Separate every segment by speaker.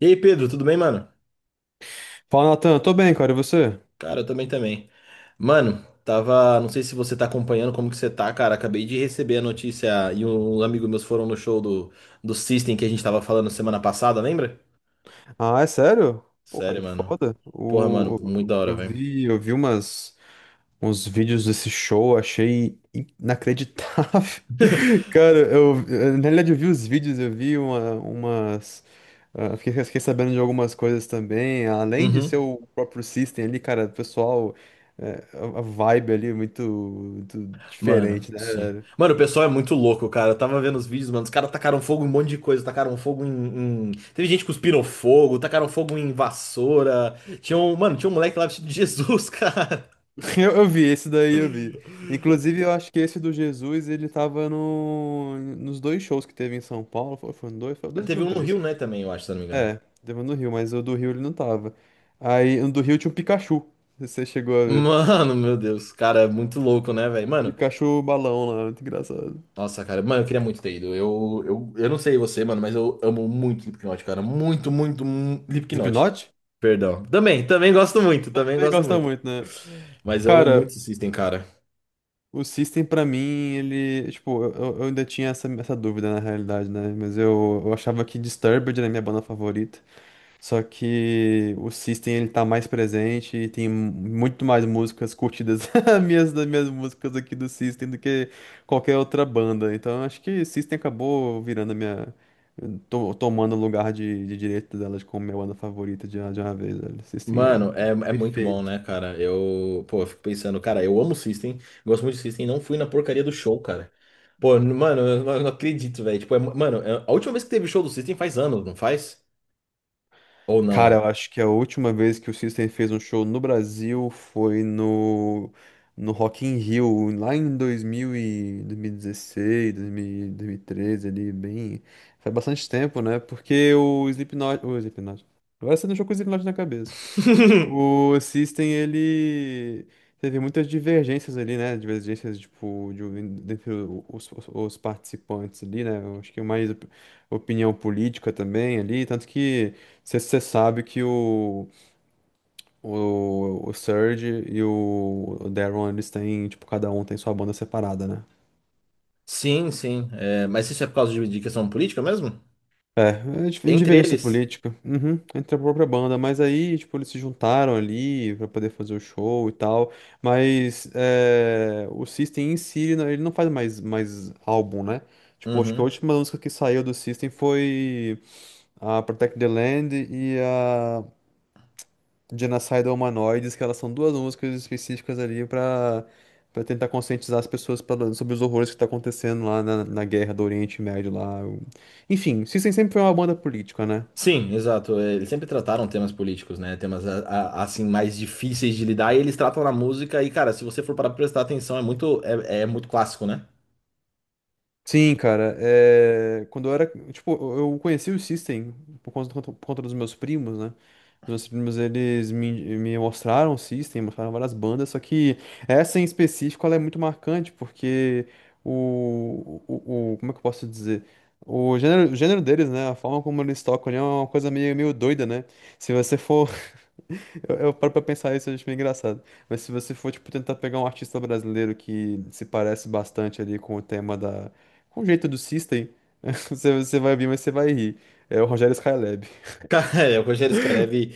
Speaker 1: E aí, Pedro, tudo bem, mano?
Speaker 2: Fala, Natan. Tô bem, cara. E você?
Speaker 1: Cara, eu também. Mano, tava, não sei se você tá acompanhando como que você tá, cara. Acabei de receber a notícia e um amigo meus foram no show do System que a gente tava falando semana passada, lembra?
Speaker 2: Ah, é sério? Pô,
Speaker 1: Sério,
Speaker 2: cara, que
Speaker 1: mano.
Speaker 2: foda.
Speaker 1: Porra, mano, muito da hora,
Speaker 2: Eu
Speaker 1: velho.
Speaker 2: vi, uns vídeos desse show, achei inacreditável. Cara, na realidade eu vi os vídeos, eu vi uma, umas. Ah, fiquei, fiquei sabendo de algumas coisas também. Além de ser
Speaker 1: Uhum.
Speaker 2: o próprio System ali, cara, o pessoal. A vibe ali é muito, muito
Speaker 1: Mano,
Speaker 2: diferente,
Speaker 1: sim.
Speaker 2: né?
Speaker 1: Mano, o pessoal é muito louco, cara. Eu tava vendo os vídeos, mano. Os caras tacaram fogo em um monte de coisa. Tacaram fogo Teve gente que cuspiram fogo, tacaram fogo em vassoura. Tinha um... Mano, tinha um moleque lá vestido de Jesus, cara.
Speaker 2: Eu vi, esse daí eu vi. Inclusive, eu acho que esse do Jesus, ele tava no, nos dois shows que teve em São Paulo. Foram dois? Foram dois ou
Speaker 1: Teve
Speaker 2: foram
Speaker 1: um no
Speaker 2: três?
Speaker 1: Rio, né, também, eu acho, se eu não me engano.
Speaker 2: É, teve um no Rio, mas o do Rio ele não tava. Aí, no do Rio tinha um Pikachu. Você chegou a ver.
Speaker 1: Mano, meu Deus, cara, é muito louco, né, velho?
Speaker 2: Um
Speaker 1: Mano,
Speaker 2: Pikachu balão lá, muito engraçado.
Speaker 1: nossa, cara, mano, eu queria muito ter ido. Eu não sei você, mano, mas eu amo muito Slipknot, cara. Muito, muito, Slipknot.
Speaker 2: Slipknot?
Speaker 1: Perdão. Também, também gosto muito, também
Speaker 2: Também
Speaker 1: gosto
Speaker 2: gosta
Speaker 1: muito.
Speaker 2: muito, né?
Speaker 1: Mas eu amo
Speaker 2: Cara,
Speaker 1: muito System, cara.
Speaker 2: o System pra mim, ele... Tipo, eu ainda tinha essa dúvida na realidade, né? Mas eu achava que Disturbed era a minha banda favorita. Só que o System ele tá mais presente e tem muito mais músicas curtidas as minhas das minhas músicas aqui do System do que qualquer outra banda. Então acho que System acabou virando a minha tomando o lugar de direito dela de como minha banda favorita de uma vez, velho. System é
Speaker 1: Mano, é, é muito bom,
Speaker 2: perfeito.
Speaker 1: né, cara? Eu, pô, eu fico pensando, cara, eu amo System, gosto muito de System, não fui na porcaria do show, cara. Pô, mano, eu não acredito, velho. Tipo, mano, a última vez que teve show do System faz anos, não faz? Ou
Speaker 2: Cara,
Speaker 1: não?
Speaker 2: eu acho que a última vez que o System fez um show no Brasil foi no Rock in Rio, lá em 2000 e 2016, 2000 2013, ali, bem... Faz bastante tempo, né? Porque o Slipknot... O Slipknot... Agora você deixou com o Slipknot na cabeça. O System, ele teve muitas divergências ali, né? Divergências, tipo, de, entre os participantes ali, né? Eu acho que é mais opinião política também ali. Tanto que você sabe que o Surge e o Daron, eles têm, tipo, cada um tem sua banda separada, né?
Speaker 1: Sim, sim. É, mas isso é por causa de questão política mesmo?
Speaker 2: É, é
Speaker 1: Entre
Speaker 2: divergência
Speaker 1: eles?
Speaker 2: política, uhum, entre a própria banda, mas aí, tipo, eles se juntaram ali pra poder fazer o show e tal, mas é, o System em si, ele não faz mais, mais álbum, né? Tipo, acho que a
Speaker 1: Uhum.
Speaker 2: última música que saiu do System foi a Protect the Land e a Genocidal Humanoids, que elas são duas músicas específicas ali pra, pra tentar conscientizar as pessoas pra- sobre os horrores que tá acontecendo lá na guerra do Oriente Médio lá, enfim, System sempre foi uma banda política, né?
Speaker 1: Sim, exato. É, eles sempre trataram temas políticos, né? Temas assim mais difíceis de lidar. E eles tratam na música. E cara, se você for para prestar atenção, é muito é muito clássico, né?
Speaker 2: Sim, cara, é... quando eu era, tipo, eu conheci o System por conta dos meus primos, né? Os meus primos, me mostraram o System, mostraram várias bandas, só que essa em específico, ela é muito marcante, porque como é que eu posso dizer? O gênero deles, né? A forma como eles tocam ali é uma coisa meio, meio doida, né? Se você for eu paro pra pensar isso, eu acho meio engraçado. Mas se você for, tipo, tentar pegar um artista brasileiro que se parece bastante ali com o tema da... com o jeito do System, você vai ouvir, mas você vai rir. É o Rogério Skylab.
Speaker 1: Cara, é, o Rogério Skylab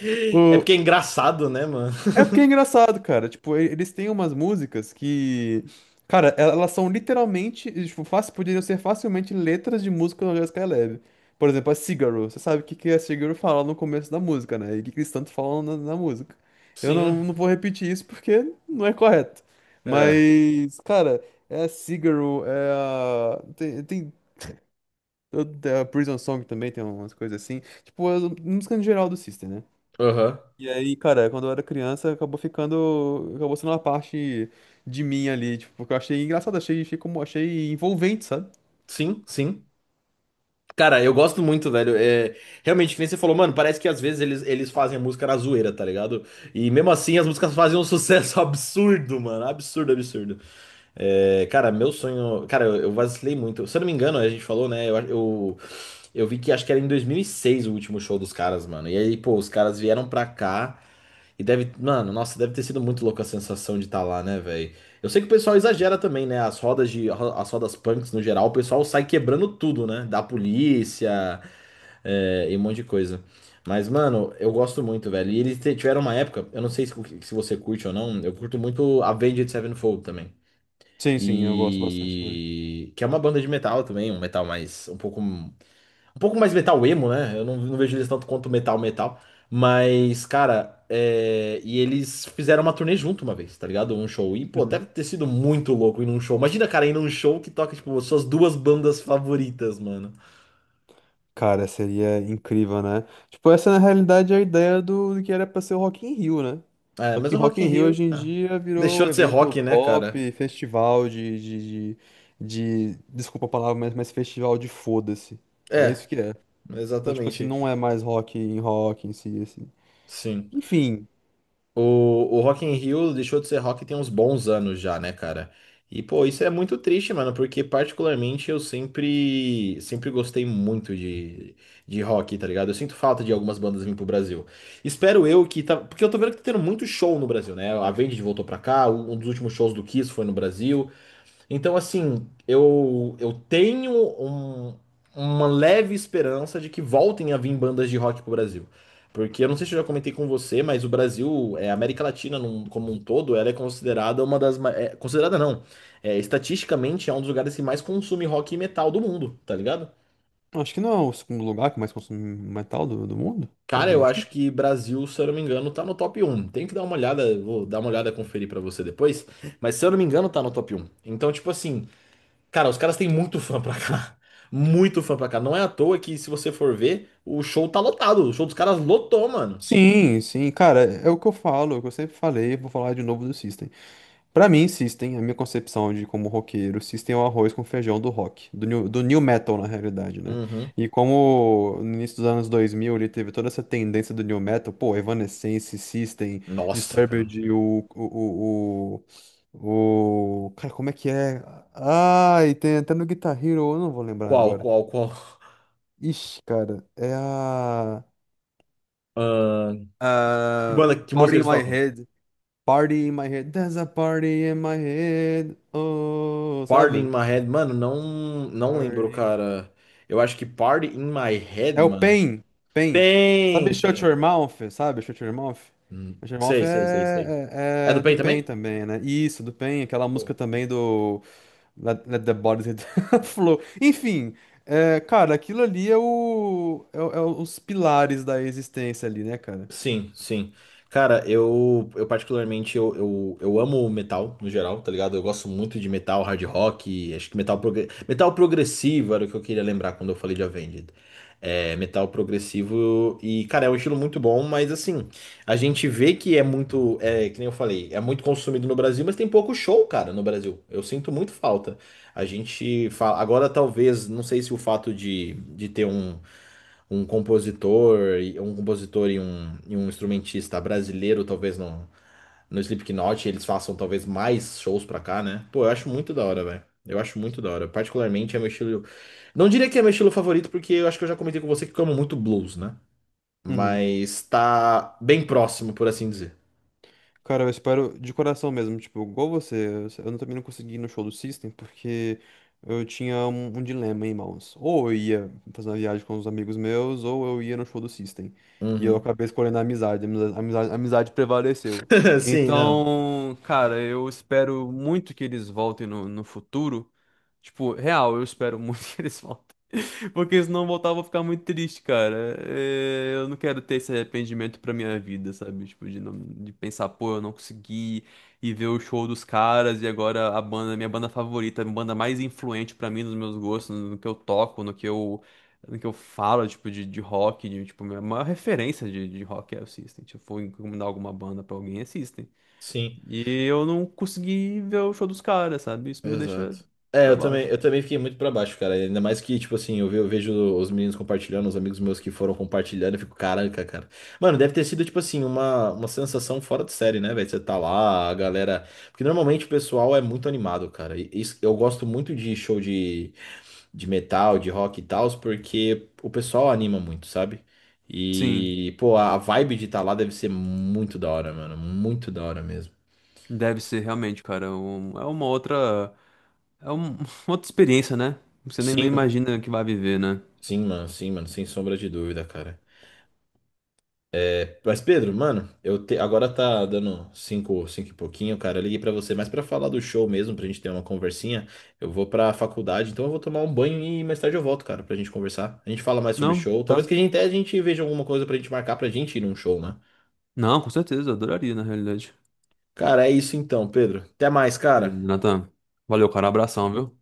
Speaker 1: é
Speaker 2: O,
Speaker 1: porque é engraçado, né, mano?
Speaker 2: É porque é engraçado, cara. Tipo, eles têm umas músicas que. Cara, elas são literalmente. Tipo, fácil, poderiam ser facilmente letras de música do Jessica Alba. Por exemplo, a Cigarro. Você sabe que a Cigarro fala no começo da música, né? E que eles tanto falam na música. Eu
Speaker 1: Sim.
Speaker 2: não, não vou repetir isso porque não é correto.
Speaker 1: É.
Speaker 2: Mas, cara, é a Cigarro, é a. Tem a Prison Song também, tem umas coisas assim. Tipo, a música em geral do System, né?
Speaker 1: Aham.
Speaker 2: E aí, cara, quando eu era criança, acabou ficando. Acabou sendo uma parte de mim ali, tipo, porque eu achei engraçado, achei envolvente, sabe?
Speaker 1: Sim, sim. Cara, eu gosto muito, velho. É, realmente, que nem você falou, mano, parece que às vezes eles fazem a música na zoeira, tá ligado? E mesmo assim as músicas fazem um sucesso absurdo, mano. Absurdo, absurdo. É, cara, meu sonho. Cara, eu vacilei muito. Se eu não me engano, a gente falou, né? Eu vi que acho que era em 2006 o último show dos caras, mano. E aí, pô, os caras vieram pra cá. E deve, mano, nossa, deve ter sido muito louca a sensação de estar lá, né, velho? Eu sei que o pessoal exagera também, né? As rodas as rodas punks no geral, o pessoal sai quebrando tudo, né? Da polícia, é, e um monte de coisa. Mas, mano, eu gosto muito, velho. E eles tiveram uma época, eu não sei se você curte ou não, eu curto muito Avenged Sevenfold também.
Speaker 2: Sim, sim, eu gosto bastante também.
Speaker 1: E que é uma banda de metal também, um metal mais um pouco mais metal emo, né? Eu não vejo eles tanto quanto metal metal. Mas, cara, é, e eles fizeram uma turnê junto uma vez, tá ligado? Um show. E, pô,
Speaker 2: Uhum.
Speaker 1: deve ter sido muito louco ir num show. Imagina, cara, ir num show que toca, tipo, suas duas bandas favoritas, mano.
Speaker 2: Cara, seria incrível, né? Tipo, essa é, na realidade é a ideia do que era pra ser o Rock in Rio, né?
Speaker 1: É,
Speaker 2: Só
Speaker 1: mas
Speaker 2: que
Speaker 1: o
Speaker 2: Rock
Speaker 1: Rock in
Speaker 2: in Rio hoje
Speaker 1: Rio,
Speaker 2: em
Speaker 1: ah,
Speaker 2: dia virou
Speaker 1: deixou
Speaker 2: um
Speaker 1: de ser
Speaker 2: evento
Speaker 1: rock, né, cara?
Speaker 2: pop, festival de- desculpa a palavra, mas festival de foda-se. É isso
Speaker 1: É,
Speaker 2: que é. Então, tipo assim,
Speaker 1: exatamente.
Speaker 2: não é mais rock em si, assim.
Speaker 1: Sim.
Speaker 2: Enfim.
Speaker 1: O Rock in Rio deixou de ser rock tem uns bons anos já, né, cara? E, pô, isso é muito triste, mano, porque particularmente eu sempre, sempre gostei muito de rock, tá ligado? Eu sinto falta de algumas bandas vir pro Brasil. Espero eu que tá, porque eu tô vendo que tá tendo muito show no Brasil, né? A Avenged voltou pra cá, um dos últimos shows do Kiss foi no Brasil. Então, assim, eu tenho um- uma leve esperança de que voltem a vir bandas de rock pro Brasil. Porque eu não sei se eu já comentei com você, mas o Brasil, é, a América Latina como um todo, ela é considerada uma das. É, considerada não. É, estatisticamente é um dos lugares que mais consome rock e metal do mundo, tá ligado?
Speaker 2: Acho que não é o segundo lugar que mais consome metal do mundo,
Speaker 1: Cara,
Speaker 2: algo
Speaker 1: eu
Speaker 2: do
Speaker 1: acho
Speaker 2: tipo.
Speaker 1: que Brasil, se eu não me engano, tá no top um. Tem que dar uma olhada, vou dar uma olhada, conferir pra você depois. Mas se eu não me engano, tá no top um. Então, tipo assim, cara, os caras têm muito fã pra cá. Muito fã pra cá. Não é à toa que, se você for ver, o show tá lotado. O show dos caras lotou, mano.
Speaker 2: Sim, sim, cara, é o que eu falo, é o que eu sempre falei, vou falar de novo do System. Pra mim, System, a minha concepção de como roqueiro, System é o arroz com feijão do rock, do new metal na realidade, né?
Speaker 1: Uhum.
Speaker 2: E como no início dos anos 2000 ele teve toda essa tendência do new metal, pô, Evanescence, System,
Speaker 1: Nossa, cara.
Speaker 2: Disturbed, cara, como é que é? Ai, tem até no Guitar Hero, eu não vou lembrar agora.
Speaker 1: Qual?
Speaker 2: Ixi, cara, é a.
Speaker 1: Ahn,
Speaker 2: Ah,
Speaker 1: que música
Speaker 2: Party in
Speaker 1: eles
Speaker 2: My
Speaker 1: tocam?
Speaker 2: Head. Party in My Head. There's a party in my head. Oh,
Speaker 1: Party in
Speaker 2: sabe?
Speaker 1: My Head. Mano, não, não lembro,
Speaker 2: Party.
Speaker 1: cara. Eu acho que Party in My Head,
Speaker 2: É o
Speaker 1: mano.
Speaker 2: Pain. Pain. Sabe
Speaker 1: Pain,
Speaker 2: Shut
Speaker 1: Pain.
Speaker 2: Your Mouth? Sabe Shut Your Mouth? Shut Your Mouth
Speaker 1: Sei, sei, sei, sei. É do
Speaker 2: é do
Speaker 1: Pain
Speaker 2: Pain
Speaker 1: também?
Speaker 2: também, né? Isso, do Pain. Aquela música também do Let the Bodies Hit the Flow. Enfim, é, cara, aquilo ali é os pilares da existência ali, né, cara?
Speaker 1: Sim, sim. Cara, eu particularmente eu amo metal no geral, tá ligado? Eu gosto muito de metal, hard rock, acho que metal, progre... metal progressivo era o que eu queria lembrar quando eu falei de Avenged. É, metal progressivo e, cara, é um estilo muito bom, mas assim, a gente vê que é muito, é, que nem eu falei, é muito consumido no Brasil, mas tem pouco show, cara, no Brasil. Eu sinto muito falta. A gente fala, agora talvez, não sei se o fato de ter um um compositor, um compositor e um instrumentista brasileiro, talvez no Slipknot, eles façam talvez mais shows pra cá, né? Pô, eu acho muito da hora, velho. Eu acho muito da hora. Particularmente é meu estilo. Não diria que é meu estilo favorito, porque eu acho que eu já comentei com você que eu amo muito blues, né?
Speaker 2: Uhum.
Speaker 1: Mas tá bem próximo, por assim dizer.
Speaker 2: Cara, eu espero de coração mesmo, tipo, igual você, eu não- também não consegui ir no show do System porque eu tinha um dilema em mãos. Ou eu ia fazer uma viagem com os amigos meus, ou eu ia no show do System. E eu
Speaker 1: Uhum.
Speaker 2: acabei escolhendo a amizade prevaleceu.
Speaker 1: Sim, não.
Speaker 2: Então, cara, eu espero muito que eles voltem no futuro. Tipo, real, eu espero muito que eles voltem. Porque senão voltar eu vou ficar muito triste, cara. É, eu não quero ter esse arrependimento pra minha vida, sabe? De pensar, pô, eu não consegui e ver o show dos caras e agora a banda, minha banda favorita, a banda mais influente pra mim, nos meus gostos, no que eu toco, no que eu falo, tipo, de rock, de, tipo, minha maior referência de rock é o System. Se eu for encomendar alguma banda pra alguém, é System.
Speaker 1: Sim.
Speaker 2: E eu não consegui ver o show dos caras, sabe? Isso me deixa
Speaker 1: Exato. É,
Speaker 2: pra baixo.
Speaker 1: eu também fiquei muito pra baixo, cara. Ainda mais que, tipo assim, eu vejo os meninos compartilhando, os amigos meus que foram compartilhando, eu fico, caraca, cara. Mano, deve ter sido, tipo assim, uma sensação fora de série, né, velho? Você tá lá, a galera. Porque normalmente o pessoal é muito animado, cara. E eu gosto muito de show de metal, de rock e tal, porque o pessoal anima muito, sabe?
Speaker 2: Sim.
Speaker 1: E, pô, a vibe de estar lá deve ser muito da hora, mano. Muito da hora mesmo.
Speaker 2: Deve ser realmente, cara. É um- é uma outra. É um- outra experiência, né? Você nem não
Speaker 1: Sim,
Speaker 2: imagina que vai viver, né?
Speaker 1: sim, mano, sem sombra de dúvida, cara. Mas Pedro, mano, agora tá dando cinco, cinco e pouquinho, cara. Eu liguei pra você, mas pra falar do show mesmo, pra gente ter uma conversinha, eu vou pra faculdade, então eu vou tomar um banho e mais tarde eu volto, cara, pra gente conversar. A gente fala mais sobre
Speaker 2: Não,
Speaker 1: show. Talvez
Speaker 2: tá?
Speaker 1: que a gente até a gente veja alguma coisa pra gente marcar pra gente ir num show, né?
Speaker 2: Não, com certeza, adoraria, na realidade.
Speaker 1: Cara, é isso então, Pedro. Até mais,
Speaker 2: Beleza,
Speaker 1: cara.
Speaker 2: Nathan, valeu, cara. Abração, viu?